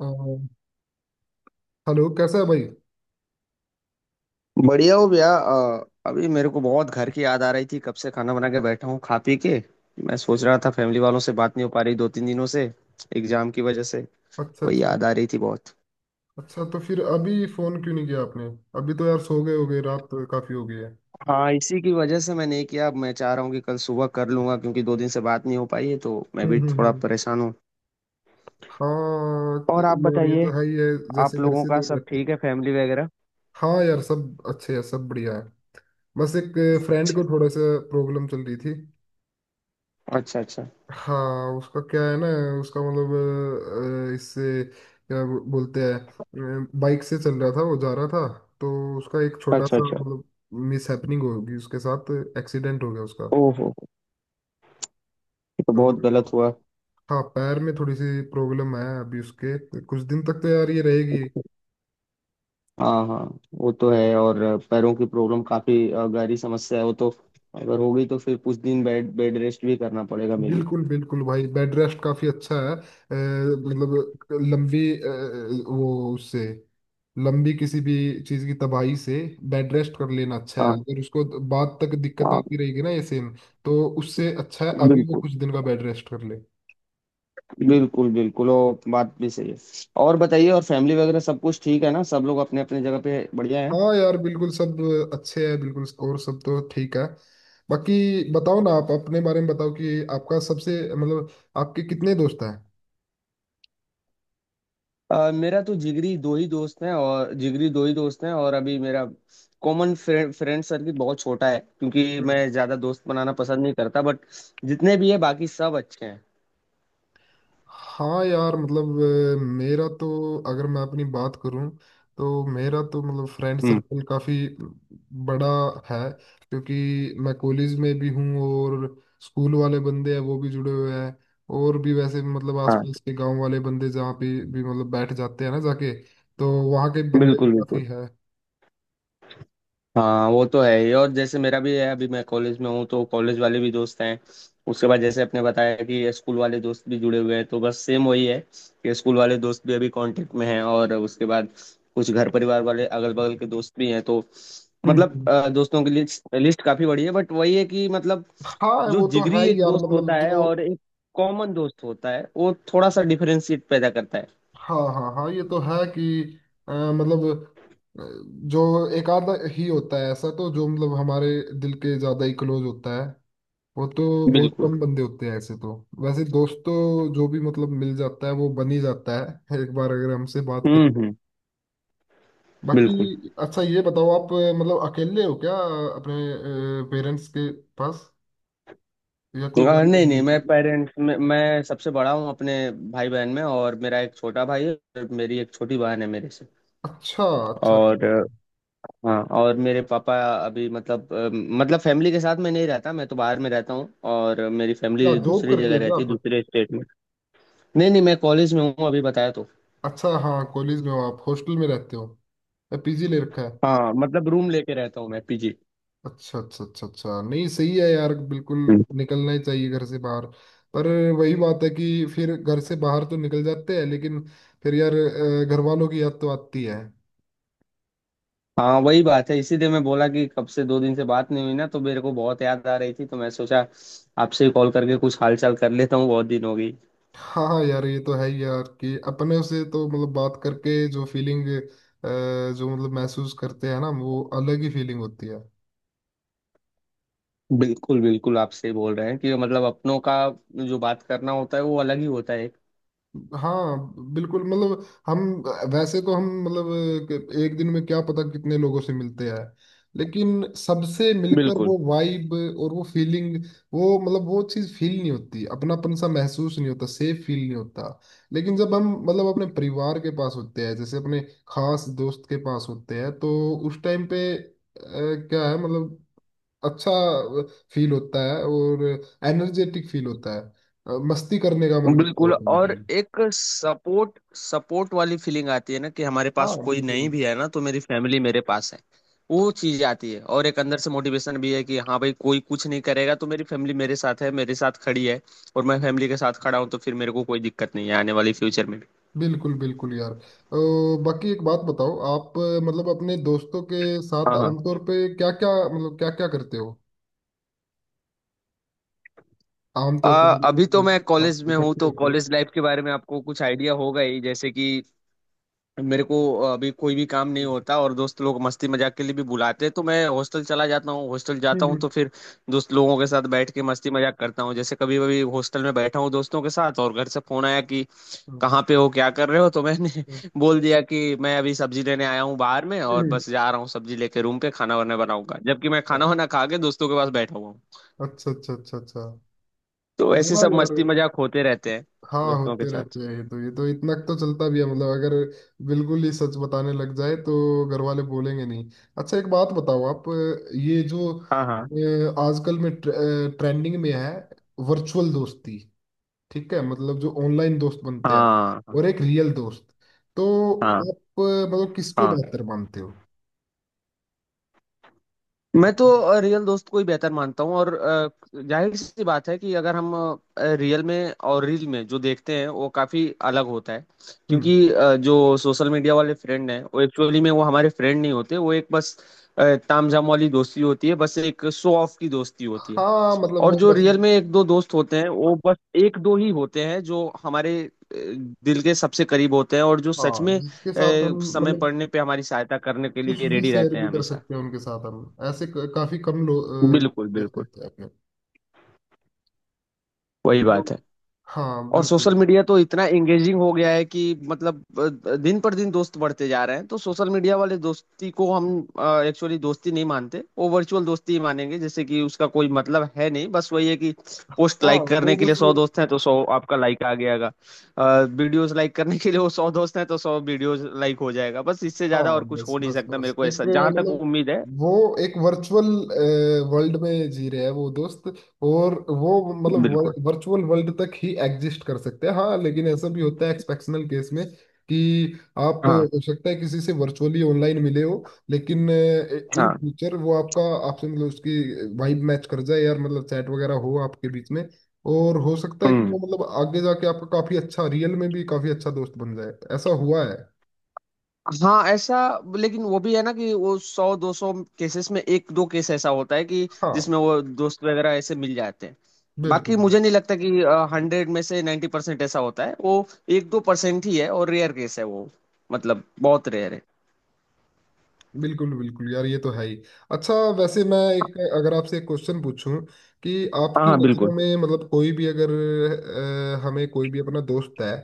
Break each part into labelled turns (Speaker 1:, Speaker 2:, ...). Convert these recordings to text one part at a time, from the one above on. Speaker 1: हाँ, हेलो कैसा है भाई।
Speaker 2: बढ़िया हो भैया, अभी मेरे को बहुत घर की याद आ रही थी, कब से खाना बना के बैठा हूँ खा पी के। मैं सोच
Speaker 1: हम्म।
Speaker 2: रहा था फैमिली वालों से बात नहीं हो पा रही दो तीन दिनों से, एग्जाम की वजह से।
Speaker 1: अच्छा
Speaker 2: वही
Speaker 1: अच्छा।
Speaker 2: याद आ रही थी बहुत।
Speaker 1: अच्छा तो फिर अभी फोन क्यों नहीं किया आपने। अभी तो यार सो गए होगे, रात तो काफी हो गई है।
Speaker 2: हाँ, इसी की वजह से मैं नहीं किया। अब मैं चाह रहा हूँ कि कल सुबह कर लूंगा क्योंकि 2 दिन से बात नहीं हो पाई है तो मैं
Speaker 1: हम्म
Speaker 2: भी
Speaker 1: हम्म
Speaker 2: थोड़ा
Speaker 1: हम्म।
Speaker 2: परेशान हूँ।
Speaker 1: हाँ
Speaker 2: और आप
Speaker 1: यार ये
Speaker 2: बताइए।
Speaker 1: तो है ही है।
Speaker 2: आप
Speaker 1: जैसे घर
Speaker 2: लोगों
Speaker 1: से
Speaker 2: का
Speaker 1: दूर
Speaker 2: सब
Speaker 1: रहते।
Speaker 2: ठीक है, फैमिली वगैरह?
Speaker 1: हाँ यार सब अच्छे है, सब बढ़िया है। बस एक फ्रेंड
Speaker 2: अच्छा,
Speaker 1: को थोड़ा सा प्रॉब्लम चल रही थी।
Speaker 2: अच्छा, अच्छा,
Speaker 1: हाँ उसका क्या है ना, उसका मतलब इससे क्या बोलते हैं बाइक से चल रहा था, वो जा रहा था। तो उसका एक छोटा
Speaker 2: अच्छा,
Speaker 1: सा
Speaker 2: अच्छा।
Speaker 1: मतलब मिस हैपनिंग होगी उसके साथ, एक्सीडेंट हो गया उसका।
Speaker 2: ओहो, ये तो बहुत
Speaker 1: तो
Speaker 2: गलत हुआ।
Speaker 1: हाँ पैर में थोड़ी सी प्रॉब्लम है अभी उसके, कुछ दिन तक तो यार ये रहेगी।
Speaker 2: हाँ, हाँ, वो तो है। और पैरों की प्रॉब्लम काफी गहरी समस्या है वो तो। अगर हो गई तो फिर कुछ दिन बेड बेड रेस्ट भी करना पड़ेगा मे भी।
Speaker 1: बिल्कुल बिल्कुल भाई, बेड रेस्ट काफी अच्छा है। मतलब लंबी वो उससे लंबी किसी भी चीज की तबाही से बेड रेस्ट कर लेना अच्छा है।
Speaker 2: हाँ,
Speaker 1: अगर उसको बाद तक दिक्कत
Speaker 2: हाँ,
Speaker 1: आती रहेगी ना ये सेम, तो उससे अच्छा है अभी वो
Speaker 2: बिल्कुल,
Speaker 1: कुछ दिन का बेड रेस्ट कर ले।
Speaker 2: बिल्कुल। बिल्कुल वो बात भी सही है। और बताइए, और फैमिली वगैरह सब कुछ ठीक है ना, सब लोग अपने अपने जगह पे बढ़िया है?
Speaker 1: हाँ यार बिल्कुल, सब अच्छे हैं बिल्कुल और सब तो ठीक है। बाकी बताओ ना आप, अपने बारे में बताओ कि आपका सबसे मतलब आपके कितने दोस्त हैं।
Speaker 2: मेरा तो जिगरी दो ही दोस्त हैं और अभी मेरा कॉमन फ्रेंड फ्रेंड सर्किल बहुत छोटा है क्योंकि
Speaker 1: हम्म।
Speaker 2: मैं ज्यादा दोस्त बनाना पसंद नहीं करता, बट जितने भी है बाकी सब अच्छे हैं।
Speaker 1: हाँ यार मतलब मेरा तो अगर मैं अपनी बात करूं, तो मेरा तो मतलब फ्रेंड
Speaker 2: हम्म।
Speaker 1: सर्कल काफ़ी बड़ा है। क्योंकि मैं कॉलेज में भी हूँ, और स्कूल वाले बंदे हैं वो भी जुड़े हुए हैं। और भी वैसे भी मतलब
Speaker 2: हाँ,
Speaker 1: आसपास के गांव वाले बंदे जहाँ पे भी मतलब बैठ जाते हैं ना जाके, तो वहाँ के बंदे भी
Speaker 2: बिल्कुल, बिल्कुल।
Speaker 1: काफ़ी है।
Speaker 2: हाँ, वो तो है ही, और जैसे मेरा भी है, अभी मैं कॉलेज में हूँ तो कॉलेज वाले भी दोस्त हैं। उसके बाद जैसे आपने बताया कि स्कूल वाले दोस्त भी जुड़े हुए हैं, तो बस सेम वही है कि स्कूल वाले दोस्त भी अभी कांटेक्ट में हैं, और उसके बाद कुछ घर परिवार वाले अगल बगल के दोस्त भी हैं, तो
Speaker 1: हम्म
Speaker 2: मतलब
Speaker 1: हम्म।
Speaker 2: दोस्तों की लिस्ट लिस्ट काफी बड़ी है, बट वही है कि मतलब
Speaker 1: हाँ
Speaker 2: जो
Speaker 1: वो तो है
Speaker 2: जिगरी
Speaker 1: ही
Speaker 2: एक
Speaker 1: यार
Speaker 2: दोस्त
Speaker 1: मतलब
Speaker 2: होता है
Speaker 1: जो।
Speaker 2: और एक कॉमन दोस्त होता है, वो थोड़ा सा डिफरेंशिएट पैदा करता है।
Speaker 1: हाँ हाँ हाँ ये तो है कि मतलब अ, जो एक आधा ही होता है ऐसा, तो जो मतलब हमारे दिल के ज्यादा ही क्लोज होता है वो तो बहुत
Speaker 2: बिल्कुल।
Speaker 1: कम बंदे होते हैं ऐसे। तो वैसे दोस्त तो जो भी मतलब मिल जाता है वो बन ही जाता है, एक बार अगर हमसे बात
Speaker 2: हम्म,
Speaker 1: करें।
Speaker 2: हम्म।
Speaker 1: बाकी
Speaker 2: बिल्कुल।
Speaker 1: अच्छा ये बताओ आप, मतलब अकेले हो क्या अपने पेरेंट्स के पास, या कोई भाई
Speaker 2: नहीं,
Speaker 1: बहन
Speaker 2: नहीं,
Speaker 1: होती
Speaker 2: मैं
Speaker 1: है?
Speaker 2: पेरेंट्स में मैं सबसे बड़ा हूँ अपने भाई बहन में, और मेरा एक छोटा भाई है और मेरी एक छोटी बहन है मेरे से।
Speaker 1: अच्छा अच्छा अच्छा
Speaker 2: और
Speaker 1: अच्छा।
Speaker 2: हाँ, और मेरे पापा अभी मतलब मतलब फैमिली के साथ मैं नहीं रहता, मैं तो बाहर में रहता हूँ और मेरी
Speaker 1: क्या
Speaker 2: फैमिली
Speaker 1: जॉब
Speaker 2: दूसरी
Speaker 1: करते
Speaker 2: जगह
Speaker 1: हो क्या
Speaker 2: रहती है,
Speaker 1: आप?
Speaker 2: दूसरे स्टेट में। नहीं, नहीं, मैं कॉलेज में हूँ, अभी बताया तो।
Speaker 1: अच्छा हाँ कॉलेज में हो। आप हॉस्टल में रहते हो, पीजी ले रखा है?
Speaker 2: हाँ, मतलब रूम लेके रहता हूँ मैं, पीजी।
Speaker 1: अच्छा अच्छा अच्छा अच्छा, नहीं सही है यार बिल्कुल। निकलना ही चाहिए घर से बाहर। पर वही बात है कि फिर घर से बाहर तो निकल जाते हैं, लेकिन फिर यार घर वालों की याद तो आती है।
Speaker 2: हाँ, वही बात है, इसीलिए मैं बोला कि कब से 2 दिन से बात नहीं हुई ना, तो मेरे को बहुत याद आ रही थी, तो मैं सोचा आपसे ही कॉल करके कुछ हालचाल कर लेता हूँ, बहुत दिन हो गई।
Speaker 1: हाँ हाँ यार ये तो है ही यार कि अपने से तो मतलब बात करके जो फीलिंग जो मतलब महसूस करते हैं ना, वो अलग ही फीलिंग होती है।
Speaker 2: बिल्कुल, बिल्कुल, आप सही बोल रहे हैं कि मतलब अपनों का जो बात करना होता है वो अलग ही होता है।
Speaker 1: हाँ बिल्कुल, मतलब हम वैसे तो हम मतलब एक दिन में क्या पता कितने लोगों से मिलते हैं, लेकिन सबसे मिलकर
Speaker 2: बिल्कुल,
Speaker 1: वो वाइब और वो फीलिंग, वो मतलब वो चीज़ फील नहीं होती, अपनापन सा महसूस नहीं होता, सेफ फील नहीं होता। लेकिन जब हम मतलब अपने परिवार के पास होते हैं, जैसे अपने खास दोस्त के पास होते हैं, तो उस टाइम पे क्या है मतलब अच्छा फील होता है, और एनर्जेटिक फील होता है। मस्ती करने का मन करता है
Speaker 2: बिल्कुल। और
Speaker 1: ऑटोमेटिकली।
Speaker 2: एक सपोर्ट सपोर्ट वाली फीलिंग आती है ना, कि हमारे पास
Speaker 1: हाँ
Speaker 2: कोई
Speaker 1: बिल्कुल।
Speaker 2: नहीं भी है ना, तो मेरी फैमिली मेरे पास है। वो चीज आती है, और एक अंदर से मोटिवेशन भी है कि हाँ भाई, कोई कुछ नहीं करेगा तो मेरी फैमिली मेरे साथ है, मेरे साथ खड़ी है और मैं फैमिली के साथ खड़ा हूँ, तो फिर मेरे को कोई दिक्कत नहीं है आने वाली फ्यूचर में भी।
Speaker 1: बिल्कुल बिल्कुल यार। बाकी एक बात बताओ आप, मतलब अपने दोस्तों के साथ
Speaker 2: हाँ, हाँ।
Speaker 1: आमतौर पे क्या क्या मतलब क्या क्या करते हो? आमतौर पे
Speaker 2: अभी
Speaker 1: मतलब
Speaker 2: तो मैं
Speaker 1: जब आप
Speaker 2: कॉलेज में हूँ,
Speaker 1: इकट्ठे
Speaker 2: तो
Speaker 1: होते हो।
Speaker 2: कॉलेज लाइफ के बारे में आपको कुछ आइडिया होगा ही, जैसे कि मेरे को अभी कोई भी काम नहीं
Speaker 1: हम्म
Speaker 2: होता और दोस्त लोग मस्ती मजाक के लिए भी बुलाते हैं तो मैं हॉस्टल चला जाता हूँ। हॉस्टल जाता हूँ
Speaker 1: हम्म
Speaker 2: तो फिर दोस्त लोगों के साथ बैठ के मस्ती मजाक करता हूँ। जैसे कभी कभी हॉस्टल में बैठा हूँ दोस्तों के साथ, और घर से फोन आया कि कहाँ पे हो, क्या कर रहे हो, तो मैंने बोल दिया कि मैं अभी सब्जी लेने आया हूँ बाहर में, और
Speaker 1: हम्म,
Speaker 2: बस जा रहा हूँ सब्जी लेके रूम पे खाना वाना बनाऊंगा, जबकि मैं
Speaker 1: हम्म,
Speaker 2: खाना वाना खा के दोस्तों के पास बैठा हुआ हूँ।
Speaker 1: अच्छा अच्छा अच्छा अच्छा।
Speaker 2: तो ऐसे
Speaker 1: हाँ
Speaker 2: सब
Speaker 1: यार,
Speaker 2: मस्ती मजाक होते रहते हैं
Speaker 1: हाँ
Speaker 2: दोस्तों के
Speaker 1: होते
Speaker 2: साथ।
Speaker 1: रहते हैं, ये तो इतना तो चलता भी है मतलब। अगर बिल्कुल ही सच बताने लग जाए तो घर वाले बोलेंगे नहीं। अच्छा एक बात बताओ आप, ये जो
Speaker 2: हाँ, हाँ,
Speaker 1: आजकल में ट्रेंडिंग में है, वर्चुअल दोस्ती, ठीक है मतलब जो ऑनलाइन दोस्त बनते हैं,
Speaker 2: हाँ,
Speaker 1: और
Speaker 2: हाँ,
Speaker 1: एक रियल दोस्त, तो
Speaker 2: हाँ,
Speaker 1: आप मतलब किसको
Speaker 2: हाँ।
Speaker 1: बेहतर मानते हो?
Speaker 2: मैं तो रियल दोस्त को ही बेहतर मानता हूँ, और जाहिर सी बात है कि अगर हम रियल में और रील में जो देखते हैं वो काफी अलग होता है,
Speaker 1: हम्म।
Speaker 2: क्योंकि जो सोशल मीडिया वाले फ्रेंड हैं वो एक्चुअली में वो हमारे फ्रेंड नहीं होते, वो एक बस तामझाम वाली दोस्ती होती है, बस एक शो ऑफ की दोस्ती होती है।
Speaker 1: हाँ मतलब
Speaker 2: और
Speaker 1: वो
Speaker 2: जो
Speaker 1: बस।
Speaker 2: रियल में एक दो दोस्त होते हैं वो बस एक दो ही होते हैं, जो हमारे दिल के सबसे करीब होते हैं, और जो सच में
Speaker 1: हाँ जिसके साथ हम
Speaker 2: समय
Speaker 1: मतलब
Speaker 2: पड़ने पे हमारी सहायता करने के
Speaker 1: कुछ
Speaker 2: लिए
Speaker 1: भी
Speaker 2: रेडी
Speaker 1: शेयर
Speaker 2: रहते हैं
Speaker 1: भी कर
Speaker 2: हमेशा।
Speaker 1: सकते हैं उनके साथ हम, ऐसे काफी कम लोग
Speaker 2: बिल्कुल,
Speaker 1: दोस्त
Speaker 2: बिल्कुल,
Speaker 1: होते हैं अपने।
Speaker 2: वही
Speaker 1: वो-।
Speaker 2: बात है।
Speaker 1: हाँ
Speaker 2: और
Speaker 1: बिल्कुल।
Speaker 2: सोशल मीडिया तो इतना एंगेजिंग हो गया है कि मतलब दिन पर दिन दोस्त बढ़ते जा रहे हैं, तो सोशल मीडिया वाले दोस्ती को हम एक्चुअली दोस्ती नहीं मानते, वो वर्चुअल दोस्ती ही मानेंगे, जैसे कि उसका कोई मतलब है नहीं, बस वही है कि पोस्ट
Speaker 1: हाँ
Speaker 2: लाइक
Speaker 1: वो
Speaker 2: करने के लिए
Speaker 1: बस।
Speaker 2: 100 दोस्त हैं तो 100 आपका लाइक आ गयागा। वीडियोस लाइक करने के लिए वो 100 दोस्त हैं तो 100 वीडियोस लाइक हो जाएगा, बस इससे ज्यादा
Speaker 1: हाँ
Speaker 2: और कुछ
Speaker 1: बस
Speaker 2: हो नहीं
Speaker 1: बस
Speaker 2: सकता
Speaker 1: बस
Speaker 2: मेरे को,
Speaker 1: एक
Speaker 2: ऐसा जहां तक
Speaker 1: मतलब
Speaker 2: उम्मीद है।
Speaker 1: वो एक वर्चुअल वर्ल्ड में जी रहे हैं वो दोस्त, और वो
Speaker 2: बिल्कुल।
Speaker 1: मतलब वर्चुअल वर्ल्ड तक ही एग्जिस्ट कर सकते हैं। हाँ लेकिन ऐसा भी होता है एक्सेप्शनल केस में कि आप
Speaker 2: हाँ,
Speaker 1: हो सकता है किसी से वर्चुअली ऑनलाइन मिले हो, लेकिन इन
Speaker 2: हाँ,
Speaker 1: फ्यूचर वो आपका आपसे मतलब उसकी वाइब मैच कर जाए यार, मतलब चैट वगैरह हो आपके बीच में, और हो सकता है कि वो मतलब आगे जाके आपका काफी अच्छा, रियल में भी काफी अच्छा दोस्त बन जाए, ऐसा हुआ है।
Speaker 2: हाँ ऐसा, लेकिन वो भी है ना कि वो 100-200 केसेस में एक दो केस ऐसा होता है कि
Speaker 1: हाँ
Speaker 2: जिसमें वो दोस्त वगैरह ऐसे मिल जाते हैं।
Speaker 1: बिल्कुल
Speaker 2: बाकी मुझे नहीं लगता कि 100 में से 90% ऐसा होता है, वो 1-2% ही है और रेयर केस है वो, मतलब बहुत रेयर है।
Speaker 1: बिल्कुल। बिल्कुल यार ये तो है ही। अच्छा वैसे मैं एक, अगर आपसे एक क्वेश्चन पूछूं कि
Speaker 2: हाँ,
Speaker 1: आपकी
Speaker 2: हाँ,
Speaker 1: नज़रों
Speaker 2: बिल्कुल।
Speaker 1: में मतलब कोई भी अगर हमें कोई भी अपना दोस्त है,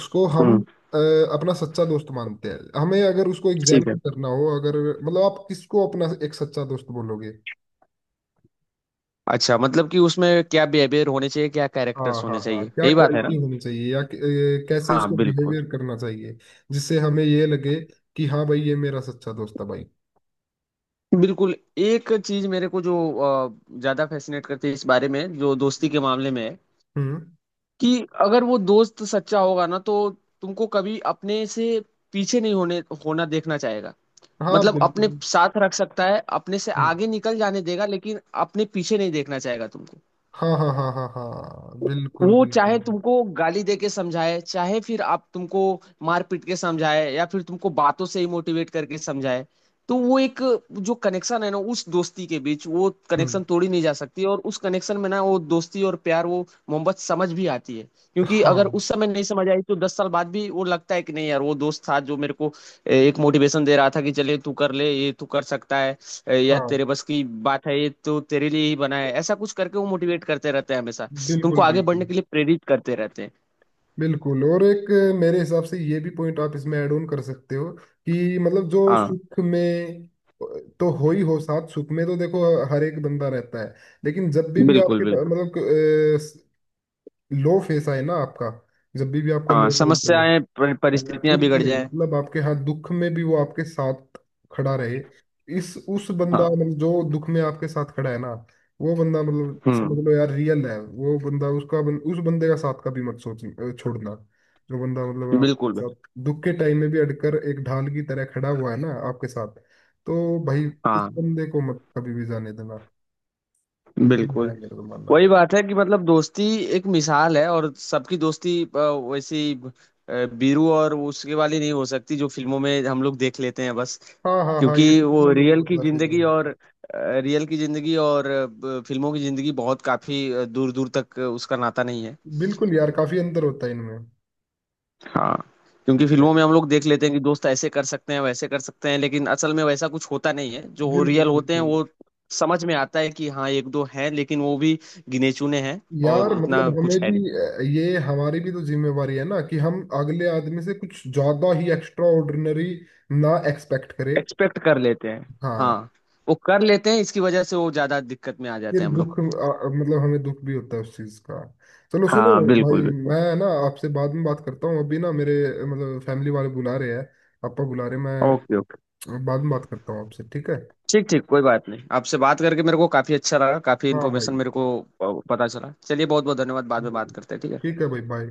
Speaker 1: उसको हम
Speaker 2: हम्म।
Speaker 1: अ, अपना सच्चा दोस्त मानते हैं, हमें अगर उसको
Speaker 2: ठीक है।
Speaker 1: एग्जामिन करना हो, अगर मतलब आप किसको अपना एक सच्चा दोस्त बोलोगे?
Speaker 2: अच्छा, मतलब कि उसमें क्या बिहेवियर होने चाहिए, क्या
Speaker 1: हाँ
Speaker 2: कैरेक्टर्स
Speaker 1: हाँ
Speaker 2: होने
Speaker 1: हाँ
Speaker 2: चाहिए,
Speaker 1: क्या
Speaker 2: यही बात है
Speaker 1: क्वालिटी
Speaker 2: ना?
Speaker 1: होनी चाहिए, या कैसे
Speaker 2: हाँ,
Speaker 1: उसको
Speaker 2: बिल्कुल।
Speaker 1: बिहेवियर करना चाहिए, जिससे हमें ये लगे कि हाँ भाई ये मेरा सच्चा दोस्त है भाई।
Speaker 2: बिल्कुल, एक चीज मेरे को जो ज्यादा फैसिनेट करती है इस बारे में, जो दोस्ती के मामले में है,
Speaker 1: हम्म।
Speaker 2: कि अगर वो दोस्त सच्चा होगा ना, तो तुमको कभी अपने से पीछे नहीं होने होना देखना चाहेगा।
Speaker 1: हाँ
Speaker 2: मतलब अपने
Speaker 1: बिल्कुल।
Speaker 2: साथ रख सकता है, अपने से
Speaker 1: हम्म।
Speaker 2: आगे निकल जाने देगा, लेकिन अपने पीछे नहीं देखना चाहेगा तुमको।
Speaker 1: हाँ हाँ हाँ हाँ हाँ बिल्कुल
Speaker 2: वो
Speaker 1: बिल्कुल।
Speaker 2: चाहे तुमको गाली दे के समझाए, चाहे फिर आप तुमको मार पीट के समझाए, या फिर तुमको बातों से ही मोटिवेट करके समझाए, तो वो एक जो कनेक्शन है ना उस दोस्ती के बीच, वो
Speaker 1: हम्म।
Speaker 2: कनेक्शन तोड़ी नहीं जा सकती, और उस कनेक्शन में ना वो दोस्ती और प्यार, वो मोहब्बत समझ भी आती है। क्योंकि
Speaker 1: हाँ
Speaker 2: अगर उस समय नहीं समझ आई तो 10 साल बाद भी वो लगता है कि नहीं यार, वो दोस्त था जो मेरे को एक मोटिवेशन दे रहा था कि चले तू कर ले, ये तू कर सकता है, या
Speaker 1: हाँ
Speaker 2: तेरे बस की बात है, ये तो तेरे लिए ही बना है, ऐसा कुछ करके वो मोटिवेट करते रहते हैं हमेशा, तुमको
Speaker 1: बिल्कुल
Speaker 2: आगे बढ़ने
Speaker 1: बिल्कुल।
Speaker 2: के लिए प्रेरित करते रहते हैं।
Speaker 1: बिल्कुल और एक, मेरे हिसाब से ये भी पॉइंट आप इसमें ऐड ऑन कर सकते हो कि मतलब जो
Speaker 2: हाँ,
Speaker 1: सुख में तो हो ही हो साथ, सुख में तो देखो हर एक बंदा रहता है, लेकिन जब भी
Speaker 2: बिल्कुल,
Speaker 1: आपके
Speaker 2: बिल्कुल।
Speaker 1: मतलब लो फेस आए ना आपका, जब भी आपका
Speaker 2: हाँ,
Speaker 1: लो टाइम चले,
Speaker 2: समस्याएं परिस्थितियां
Speaker 1: दुख
Speaker 2: बिगड़
Speaker 1: में
Speaker 2: जाए।
Speaker 1: मतलब आपके हाथ दुख में भी वो आपके साथ खड़ा रहे, इस उस बंदा
Speaker 2: हाँ।
Speaker 1: मतलब जो दुख में आपके साथ खड़ा है ना, वो बंदा मतलब
Speaker 2: हम्म।
Speaker 1: समझ लो यार रियल है वो बंदा, उस बंदे का साथ कभी मत सोच छोड़ना। जो बंदा मतलब आपके
Speaker 2: बिल्कुल, बिल्कुल।
Speaker 1: साथ दुख के टाइम में भी अड़कर एक ढाल की तरह खड़ा हुआ है ना आपके साथ, तो भाई उस
Speaker 2: हाँ,
Speaker 1: बंदे को मत कभी भी जाने देना, ये है
Speaker 2: बिल्कुल,
Speaker 1: मेरा तो मानना।
Speaker 2: वही बात है कि मतलब दोस्ती एक मिसाल है, और सबकी दोस्ती वैसी बीरू और उसके वाली नहीं हो सकती जो फिल्मों में हम लोग देख लेते हैं बस।
Speaker 1: हाँ हाँ हाँ
Speaker 2: क्योंकि
Speaker 1: ये फिल्म
Speaker 2: वो
Speaker 1: में मेरे मतलब सही लगा।
Speaker 2: रियल की जिंदगी और फिल्मों की जिंदगी बहुत काफी दूर दूर तक उसका नाता नहीं है।
Speaker 1: बिल्कुल यार काफी अंतर होता है इनमें।
Speaker 2: हाँ। क्योंकि
Speaker 1: ये-।
Speaker 2: फिल्मों में हम लोग देख लेते हैं कि दोस्त ऐसे कर सकते हैं वैसे कर सकते हैं, लेकिन असल में वैसा कुछ होता नहीं है, जो हो
Speaker 1: बिल्कुल
Speaker 2: रियल होते हैं
Speaker 1: बिल्कुल
Speaker 2: वो। समझ में आता है कि हाँ एक दो हैं, लेकिन वो भी गिने चुने हैं, और
Speaker 1: यार, मतलब
Speaker 2: उतना
Speaker 1: हमें
Speaker 2: कुछ है
Speaker 1: भी
Speaker 2: नहीं।
Speaker 1: ये हमारी भी तो जिम्मेवारी है ना कि हम अगले आदमी से कुछ ज्यादा ही एक्स्ट्रा ऑर्डिनरी ना एक्सपेक्ट करें।
Speaker 2: एक्सपेक्ट कर लेते हैं।
Speaker 1: हाँ
Speaker 2: हाँ। वो कर लेते हैं, इसकी वजह से वो ज्यादा दिक्कत में आ
Speaker 1: फिर
Speaker 2: जाते हैं हम लोग।
Speaker 1: दुख मतलब हमें दुख भी होता है उस चीज का। चलो सुनो
Speaker 2: हाँ, बिल्कुल,
Speaker 1: भाई,
Speaker 2: बिल्कुल।
Speaker 1: मैं ना आपसे बाद में बात करता हूँ, अभी ना मेरे मतलब फैमिली वाले बुला रहे हैं, पापा बुला रहे हैं
Speaker 2: ओके,
Speaker 1: मैं
Speaker 2: ओके।
Speaker 1: बाद में बात करता हूँ आपसे, ठीक है।
Speaker 2: ठीक, ठीक, कोई बात नहीं, आपसे बात करके मेरे को काफी अच्छा लगा, काफी
Speaker 1: हाँ
Speaker 2: इन्फॉर्मेशन
Speaker 1: भाई
Speaker 2: मेरे को पता चला, चलिए बहुत बहुत धन्यवाद, बाद में बात करते हैं, ठीक है।
Speaker 1: ठीक है भाई, बाय।